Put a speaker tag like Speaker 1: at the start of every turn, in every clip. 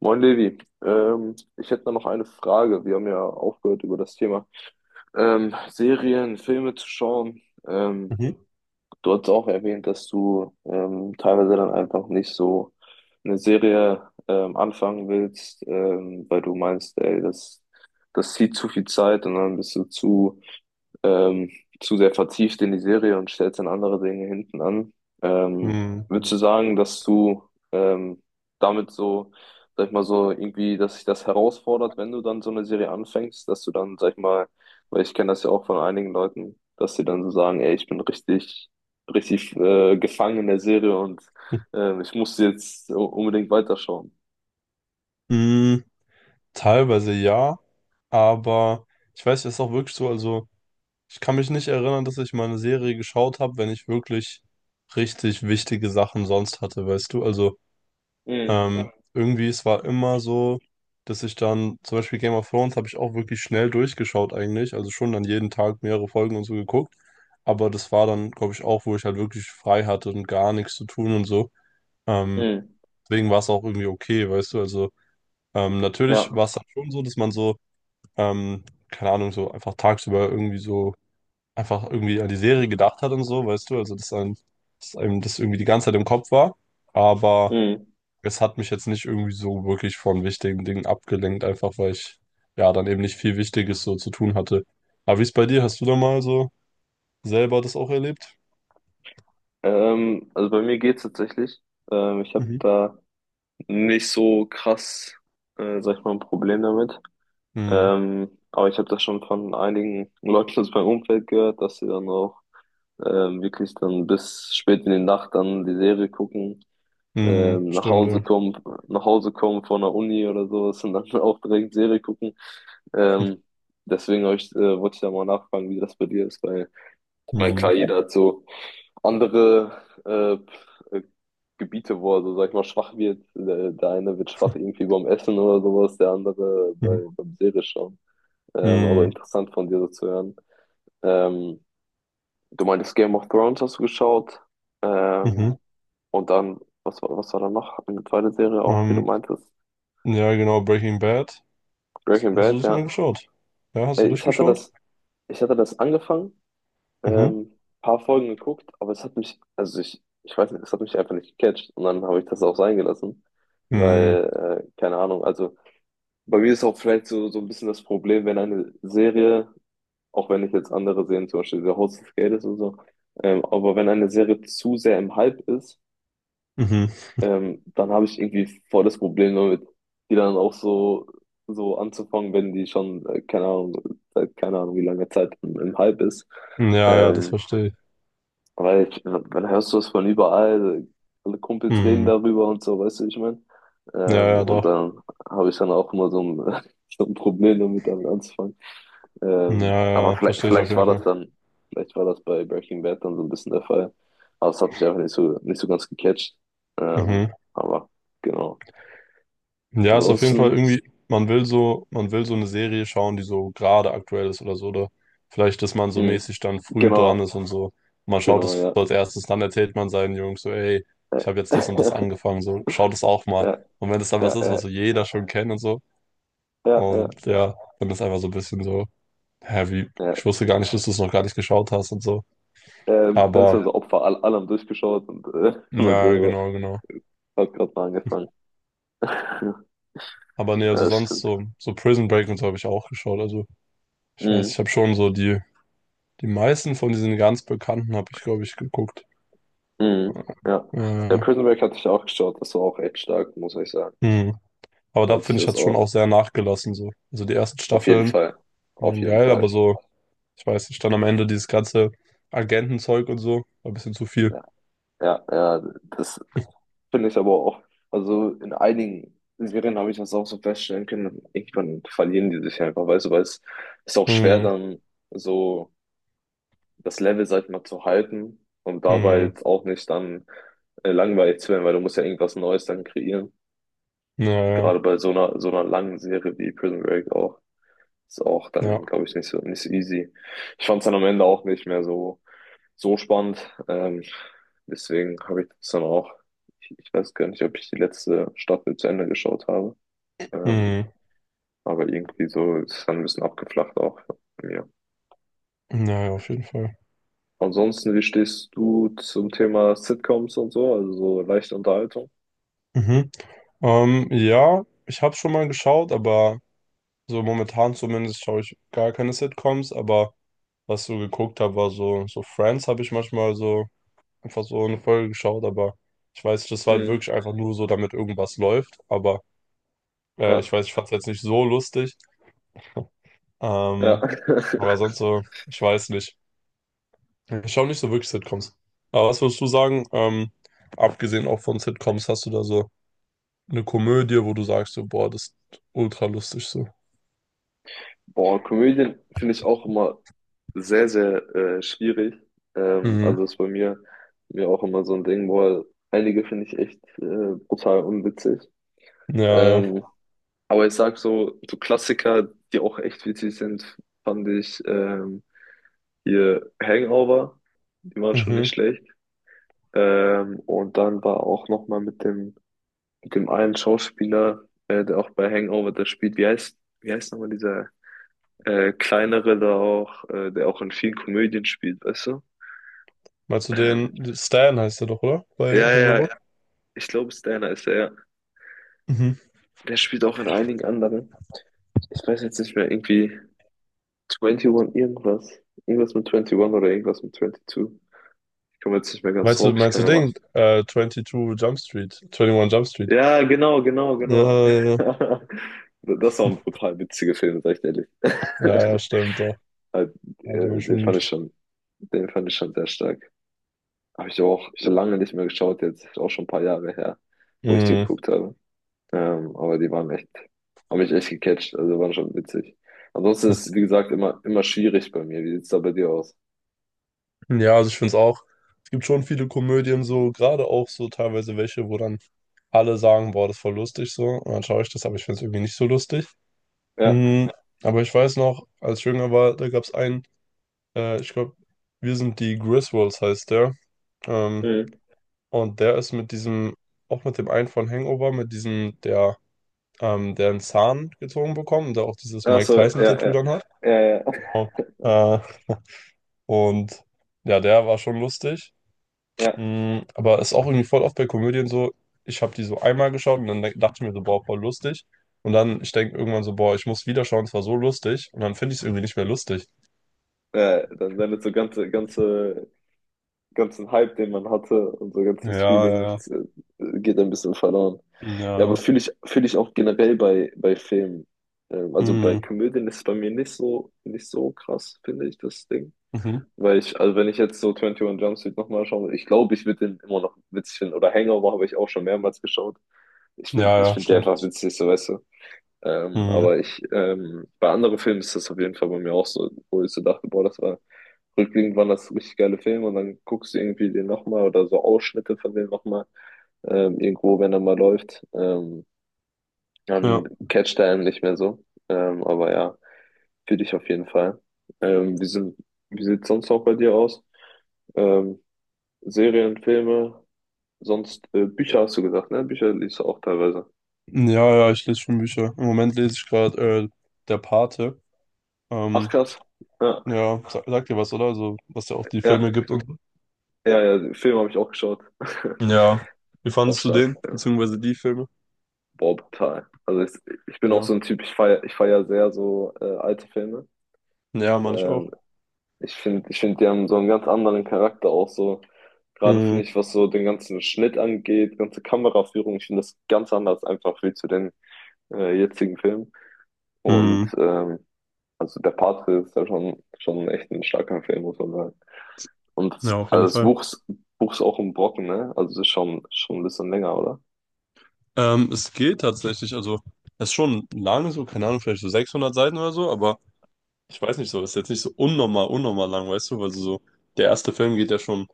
Speaker 1: Moin Levi, ich hätte da noch eine Frage. Wir haben ja aufgehört über das Thema Serien, Filme zu schauen. Ähm,
Speaker 2: Mhm.
Speaker 1: Du hast auch erwähnt, dass du teilweise dann einfach nicht so eine Serie anfangen willst, weil du meinst, ey, das zieht zu viel Zeit und dann bist du ähm, zu sehr vertieft in die Serie und stellst dann andere Dinge hinten an. Ähm,
Speaker 2: Mhm.
Speaker 1: Würdest du sagen, dass du ähm, damit so, sag ich mal so, irgendwie, dass sich das herausfordert, wenn du dann so eine Serie anfängst, dass du dann, sag ich mal, weil ich kenne das ja auch von einigen Leuten, dass sie dann so sagen, ey, richtig gefangen in der Serie und ich muss jetzt unbedingt weiterschauen.
Speaker 2: Mhm. Teilweise ja, aber ich weiß, es ist auch wirklich so, also ich kann mich nicht erinnern, dass ich mal eine Serie geschaut habe, wenn ich wirklich richtig wichtige Sachen sonst hatte, weißt du? Also
Speaker 1: Mhm.
Speaker 2: irgendwie, es war immer so, dass ich dann, zum Beispiel Game of Thrones habe ich auch wirklich schnell durchgeschaut eigentlich, also schon dann jeden Tag mehrere Folgen und so geguckt, aber das war dann, glaube ich, auch, wo ich halt wirklich frei hatte und gar nichts zu tun und so. Ähm,
Speaker 1: Mhm.
Speaker 2: Deswegen war es auch irgendwie okay, weißt du? Also
Speaker 1: Ja.
Speaker 2: natürlich war es dann schon so, dass man so, ähm, keine Ahnung, so einfach tagsüber irgendwie so einfach irgendwie an die Serie gedacht hat und so, weißt du, also dass einem das irgendwie die ganze Zeit im Kopf war, aber
Speaker 1: Mhm.
Speaker 2: es hat mich jetzt nicht irgendwie so wirklich von wichtigen Dingen abgelenkt, einfach weil ich ja dann eben nicht viel Wichtiges so zu tun hatte. Aber wie ist bei dir? Hast du da mal so selber das auch erlebt?
Speaker 1: Also bei mir geht's tatsächlich. Ich habe
Speaker 2: Mhm.
Speaker 1: da nicht so krass, sag ich mal, ein Problem damit.
Speaker 2: Mhm.
Speaker 1: Aber ich habe das schon von einigen Leuten aus meinem Umfeld gehört, dass sie dann auch wirklich dann bis spät in die Nacht dann die Serie gucken,
Speaker 2: Mhm.
Speaker 1: ähm, nach
Speaker 2: Stimmt,
Speaker 1: Hause
Speaker 2: ja.
Speaker 1: kommen, nach Hause kommen von der Uni oder sowas und dann auch direkt Serie gucken. Ähm, deswegen wollte ich da mal nachfragen, wie das bei dir ist, weil mein klar,
Speaker 2: Mhm.
Speaker 1: jeder hat so andere äh, Gebiete, wo er so, sag ich mal, schwach wird. Der eine wird schwach irgendwie beim Essen oder sowas, der andere
Speaker 2: Mhm.
Speaker 1: beim Serie schauen. Aber
Speaker 2: Mhm.
Speaker 1: interessant von dir so zu hören. Ähm, Du meintest Game of Thrones hast du geschaut.
Speaker 2: Mhm. Mhm.
Speaker 1: Ähm, und dann, was war da noch? Eine zweite Serie auch, die du
Speaker 2: Ähm,
Speaker 1: meintest.
Speaker 2: ja, genau, Breaking Bad.
Speaker 1: Breaking
Speaker 2: Hast du
Speaker 1: Bad,
Speaker 2: das mal
Speaker 1: ja.
Speaker 2: geschaut? Ja, hast
Speaker 1: Äh,
Speaker 2: du
Speaker 1: Ich hatte
Speaker 2: durchgeschaut?
Speaker 1: das, ich hatte das angefangen.
Speaker 2: Mhm.
Speaker 1: Ähm, paar Folgen geguckt, aber es hat mich, ich weiß nicht, es hat mich einfach nicht gecatcht und dann habe ich das auch sein gelassen,
Speaker 2: Mhm.
Speaker 1: weil, keine Ahnung, also bei mir ist auch vielleicht so, so ein bisschen das Problem, wenn eine Serie, auch wenn ich jetzt andere Serien, zum Beispiel The House of Cards und so, aber wenn eine Serie zu sehr im Hype ist,
Speaker 2: Mhm.
Speaker 1: dann habe ich irgendwie voll das Problem damit, die dann auch so, so anzufangen, wenn die schon, keine Ahnung, seit keine Ahnung, wie lange Zeit im Hype ist.
Speaker 2: Ja, ja, das
Speaker 1: Ähm,
Speaker 2: verstehe ich.
Speaker 1: Weil ich, dann hörst du es von überall, alle Kumpels reden
Speaker 2: Mhm.
Speaker 1: darüber und so, weißt du, wie ich meine?
Speaker 2: Ja, ja,
Speaker 1: Und
Speaker 2: doch.
Speaker 1: dann habe ich dann auch immer so ein, so ein Problem damit, damit anzufangen.
Speaker 2: Ja, ja,
Speaker 1: Aber
Speaker 2: ja, verstehe ich auf
Speaker 1: vielleicht
Speaker 2: jeden
Speaker 1: war das
Speaker 2: Fall.
Speaker 1: dann, vielleicht war das bei Breaking Bad dann so ein bisschen der Fall. Aber es hat mich einfach nicht so, nicht so ganz gecatcht. Ähm,
Speaker 2: Mhm.
Speaker 1: aber genau.
Speaker 2: Ja, ist auf jeden Fall
Speaker 1: Ansonsten,
Speaker 2: irgendwie, man will so eine Serie schauen, die so gerade aktuell ist oder so, oder vielleicht, dass man so
Speaker 1: mh,
Speaker 2: mäßig dann früh dran
Speaker 1: genau,
Speaker 2: ist und so. Man schaut
Speaker 1: genau,
Speaker 2: es
Speaker 1: ja.
Speaker 2: so als erstes, dann erzählt man seinen Jungs so, ey, ich habe jetzt das und das angefangen, so, schaut es auch mal.
Speaker 1: Ja,
Speaker 2: Und wenn es dann was
Speaker 1: ja,
Speaker 2: ist, was
Speaker 1: ja,
Speaker 2: so jeder schon kennt und so,
Speaker 1: ja, ja,
Speaker 2: und ja, dann ist einfach so ein bisschen so. Hä, wie,
Speaker 1: ja.
Speaker 2: ich wusste gar nicht, dass du es noch gar nicht geschaut hast und so.
Speaker 1: Dann ist man
Speaker 2: Aber,
Speaker 1: so Opfer allem durchgeschaut und man
Speaker 2: ja. Ja,
Speaker 1: selber.
Speaker 2: genau, genau.
Speaker 1: Hat gerade mal angefangen.
Speaker 2: Aber nee,
Speaker 1: Ja,
Speaker 2: also
Speaker 1: das
Speaker 2: sonst
Speaker 1: stimmt.
Speaker 2: so, so Prison Break und so habe ich auch geschaut. Also, ich weiß,
Speaker 1: Mhm.
Speaker 2: ich habe schon so die, die meisten von diesen ganz Bekannten habe ich, glaube ich, geguckt.
Speaker 1: Mhm. Ja.
Speaker 2: Ja, ja.
Speaker 1: Der
Speaker 2: Ja.
Speaker 1: Prison Break hatte ich auch geschaut. Das war auch echt stark, muss ich sagen.
Speaker 2: Hm. Aber
Speaker 1: Da
Speaker 2: da
Speaker 1: hatte ich
Speaker 2: finde ich,
Speaker 1: das
Speaker 2: hat es schon
Speaker 1: auch.
Speaker 2: auch sehr nachgelassen, so. Also, die ersten
Speaker 1: Auf jeden
Speaker 2: Staffeln
Speaker 1: Fall. Auf
Speaker 2: waren
Speaker 1: jeden
Speaker 2: geil, aber
Speaker 1: Fall.
Speaker 2: so, ich weiß nicht, dann am Ende dieses ganze Agentenzeug und so, war ein bisschen zu viel.
Speaker 1: Ja, ja, ja. Das finde ich aber auch. Also in einigen Serien habe ich das auch so feststellen können. Irgendwann verlieren die sich einfach, weißt du, weil es ist auch schwer,
Speaker 2: Hm,
Speaker 1: dann so das Level, sag ich mal, zu halten und dabei
Speaker 2: hm,
Speaker 1: jetzt auch nicht dann langweilig zu werden, weil du musst ja irgendwas Neues dann kreieren.
Speaker 2: naja,
Speaker 1: Gerade bei so einer langen Serie wie Prison Break auch, ist auch
Speaker 2: ja, ja,
Speaker 1: dann, glaube ich, nicht so, nicht so easy. Ich fand es dann am Ende auch nicht mehr so, so spannend. Deswegen habe ich das dann auch, ich weiß gar nicht, ob ich die letzte Staffel zu Ende geschaut habe. Ähm,
Speaker 2: hm,
Speaker 1: aber irgendwie so ist es dann ein bisschen abgeflacht auch bei mir.
Speaker 2: naja, auf jeden Fall.
Speaker 1: Ansonsten, wie stehst du zum Thema Sitcoms und so, also so leichte Unterhaltung?
Speaker 2: Mhm. Ja, ich habe schon mal geschaut, aber so momentan zumindest schaue ich gar keine Sitcoms, aber was ich so geguckt habe, war so, so Friends habe ich manchmal so einfach so eine Folge geschaut, aber ich weiß nicht, das war halt
Speaker 1: Mhm.
Speaker 2: wirklich einfach nur so, damit irgendwas läuft, aber ich
Speaker 1: Ja,
Speaker 2: weiß, ich fand es jetzt nicht so lustig,
Speaker 1: ja.
Speaker 2: ähm, aber sonst so, ich weiß nicht. Ich schaue nicht so wirklich Sitcoms. Aber was würdest du sagen, abgesehen auch von Sitcoms, hast du da so eine Komödie, wo du sagst, so, boah, das ist ultra lustig so?
Speaker 1: Boah, Komödien finde ich auch immer sehr schwierig.
Speaker 2: Mhm.
Speaker 1: Also ist mir auch immer so ein Ding, boah, einige finde ich echt brutal unwitzig.
Speaker 2: Ja, ja.
Speaker 1: Ähm, aber ich sag so, so Klassiker, die auch echt witzig sind, fand ich hier Hangover, die waren schon nicht
Speaker 2: Mhm.
Speaker 1: schlecht. Und dann war auch nochmal mit dem einen Schauspieler, der auch bei Hangover das spielt, wie heißt nochmal dieser kleinere da auch, der auch in vielen Komödien spielt, weißt du?
Speaker 2: Meinst du
Speaker 1: Ähm,
Speaker 2: den, Stan heißt er doch, oder? Bei
Speaker 1: ja, ja, ja,
Speaker 2: Hangover?
Speaker 1: ich glaube, Stanner ist er. Ja.
Speaker 2: Mhm.
Speaker 1: Der spielt auch in einigen anderen. Ich weiß jetzt nicht mehr, irgendwie 21 irgendwas. Irgendwas mit 21 oder irgendwas mit 22. Ich komme jetzt nicht mehr ganz
Speaker 2: Meinst du,
Speaker 1: drauf, ich
Speaker 2: meinst
Speaker 1: kann
Speaker 2: du
Speaker 1: ja mal.
Speaker 2: den, 22 Jump Street, 21 Jump Street?
Speaker 1: Ja, genau, genau,
Speaker 2: Ja,
Speaker 1: genau.
Speaker 2: ja, ja.
Speaker 1: Das war ein brutal witziger Film, sag ich dir ehrlich.
Speaker 2: Ja, ja, stimmt, doch.
Speaker 1: Halt,
Speaker 2: Ja, die waren
Speaker 1: Den
Speaker 2: schon
Speaker 1: fand ich
Speaker 2: gut.
Speaker 1: schon, den fand ich schon sehr stark. Habe ich so auch lange nicht mehr geschaut, jetzt ist auch schon ein paar Jahre her, wo ich die
Speaker 2: Mhm.
Speaker 1: geguckt habe. Aber die waren echt, haben mich echt gecatcht, also waren schon witzig. Ansonsten ist es, wie gesagt, immer schwierig bei mir. Wie sieht's da bei dir aus?
Speaker 2: Ja, also ich finde es auch, es gibt schon viele Komödien so, gerade auch so teilweise welche, wo dann alle sagen, boah, das ist voll lustig so. Und dann schaue ich das, aber ich finde es irgendwie nicht so lustig.
Speaker 1: Ja.
Speaker 2: Mhm. Aber ich weiß noch, als ich jünger war, da gab es einen, ich glaube, wir sind die Griswolds heißt der. Ähm,
Speaker 1: Mhm.
Speaker 2: Und der ist mit diesem, auch mit dem einen von Hangover, mit diesem, der, der einen Zahn gezogen bekommen, der auch dieses
Speaker 1: Ach
Speaker 2: Mike
Speaker 1: so, ja,
Speaker 2: Tyson-Tattoo
Speaker 1: ja.
Speaker 2: dann hat.
Speaker 1: Ja, ja,
Speaker 2: Genau. Äh, und ja, der war schon lustig.
Speaker 1: ja.
Speaker 2: Mm, aber ist auch irgendwie voll oft bei Komödien so, ich habe die so einmal geschaut und dann dachte ich mir so, boah, voll lustig. Und dann, ich denke irgendwann so, boah, ich muss wieder schauen, es war so lustig. Und dann finde ich es irgendwie nicht mehr lustig.
Speaker 1: Ja, dann deine so ganze ganzen Hype, den man hatte, und so
Speaker 2: Ja,
Speaker 1: ganzes
Speaker 2: ja,
Speaker 1: Feeling
Speaker 2: ja.
Speaker 1: geht ein bisschen verloren. Ja, aber
Speaker 2: Ja.
Speaker 1: fühle ich auch generell bei Filmen. Also bei
Speaker 2: Mm,
Speaker 1: Komödien ist es bei mir nicht so, nicht so krass, finde ich, das Ding.
Speaker 2: mhm.
Speaker 1: Weil ich, also wenn ich jetzt so 21 Jump Street nochmal schaue, ich glaube, ich würde den immer noch witzig finden. Oder Hangover habe ich auch schon mehrmals geschaut.
Speaker 2: Ja,
Speaker 1: Ich
Speaker 2: ja,
Speaker 1: finde die einfach
Speaker 2: stimmt.
Speaker 1: witzig, so weißt du.
Speaker 2: Mhm.
Speaker 1: Aber bei anderen Filmen ist das auf jeden Fall bei mir auch so, wo ich so dachte, boah, das war rückblickend waren das richtig geile Filme und dann guckst du irgendwie den nochmal oder so Ausschnitte von dem nochmal irgendwo, wenn er mal läuft,
Speaker 2: Ja.
Speaker 1: dann catcht er einen nicht mehr so. Aber ja, für dich auf jeden Fall. Ähm, wie sind, wie sieht's sonst auch bei dir aus? Ähm, Serien, Filme, sonst Bücher hast du gesagt, ne? Bücher liest du auch teilweise.
Speaker 2: Ja, ja, ich lese schon Bücher. Im Moment lese ich gerade Der Pate.
Speaker 1: Ach
Speaker 2: Ähm,
Speaker 1: krass. Ja,
Speaker 2: ja, sagt dir was, oder? Also, was ja auch die
Speaker 1: ja,
Speaker 2: Filme gibt und so.
Speaker 1: ja, ja, Filme habe ich auch geschaut.
Speaker 2: Ja. Wie
Speaker 1: Auch
Speaker 2: fandest du den?
Speaker 1: stark.
Speaker 2: Beziehungsweise die Filme?
Speaker 1: Boah, brutal. Ich bin auch so
Speaker 2: Ja.
Speaker 1: ein Typ, ich feier sehr so alte Filme.
Speaker 2: Ja, meine ich
Speaker 1: Ähm,
Speaker 2: auch.
Speaker 1: ich finde, die haben so einen ganz anderen Charakter auch so. Gerade finde
Speaker 2: Mhm.
Speaker 1: ich, was so den ganzen Schnitt angeht, ganze Kameraführung, ich finde das ganz anders einfach wie zu den jetzigen Filmen. Und
Speaker 2: Mhm.
Speaker 1: also der Pate ist ja schon echt ein starker Film, muss man sagen. Und das,
Speaker 2: Ja, auf jeden Fall.
Speaker 1: Buch ist auch ein Brocken, ne? Also es ist schon ein bisschen länger, oder?
Speaker 2: Es geht tatsächlich, also, es ist schon lange so, keine Ahnung, vielleicht so 600 Seiten oder so, aber ich weiß nicht so, ist jetzt nicht so unnormal lang, weißt du, weil so, so, der erste Film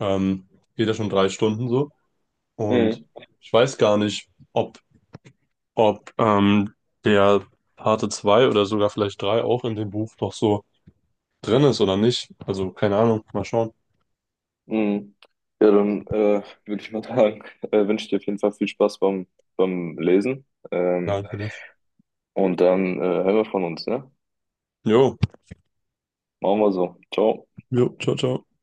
Speaker 2: ähm, geht ja schon 3 Stunden so und ich weiß gar nicht, ob der Parte 2 oder sogar vielleicht 3 auch in dem Buch noch so drin ist oder nicht. Also keine Ahnung, mal schauen.
Speaker 1: Mhm. Ja, dann würde ich mal sagen, wünsche dir auf jeden Fall viel Spaß beim, beim Lesen. Ähm,
Speaker 2: Nein, alles.
Speaker 1: und dann hören wir von uns, ne?
Speaker 2: Jo,
Speaker 1: Machen wir so. Ciao.
Speaker 2: jo, ciao, ciao.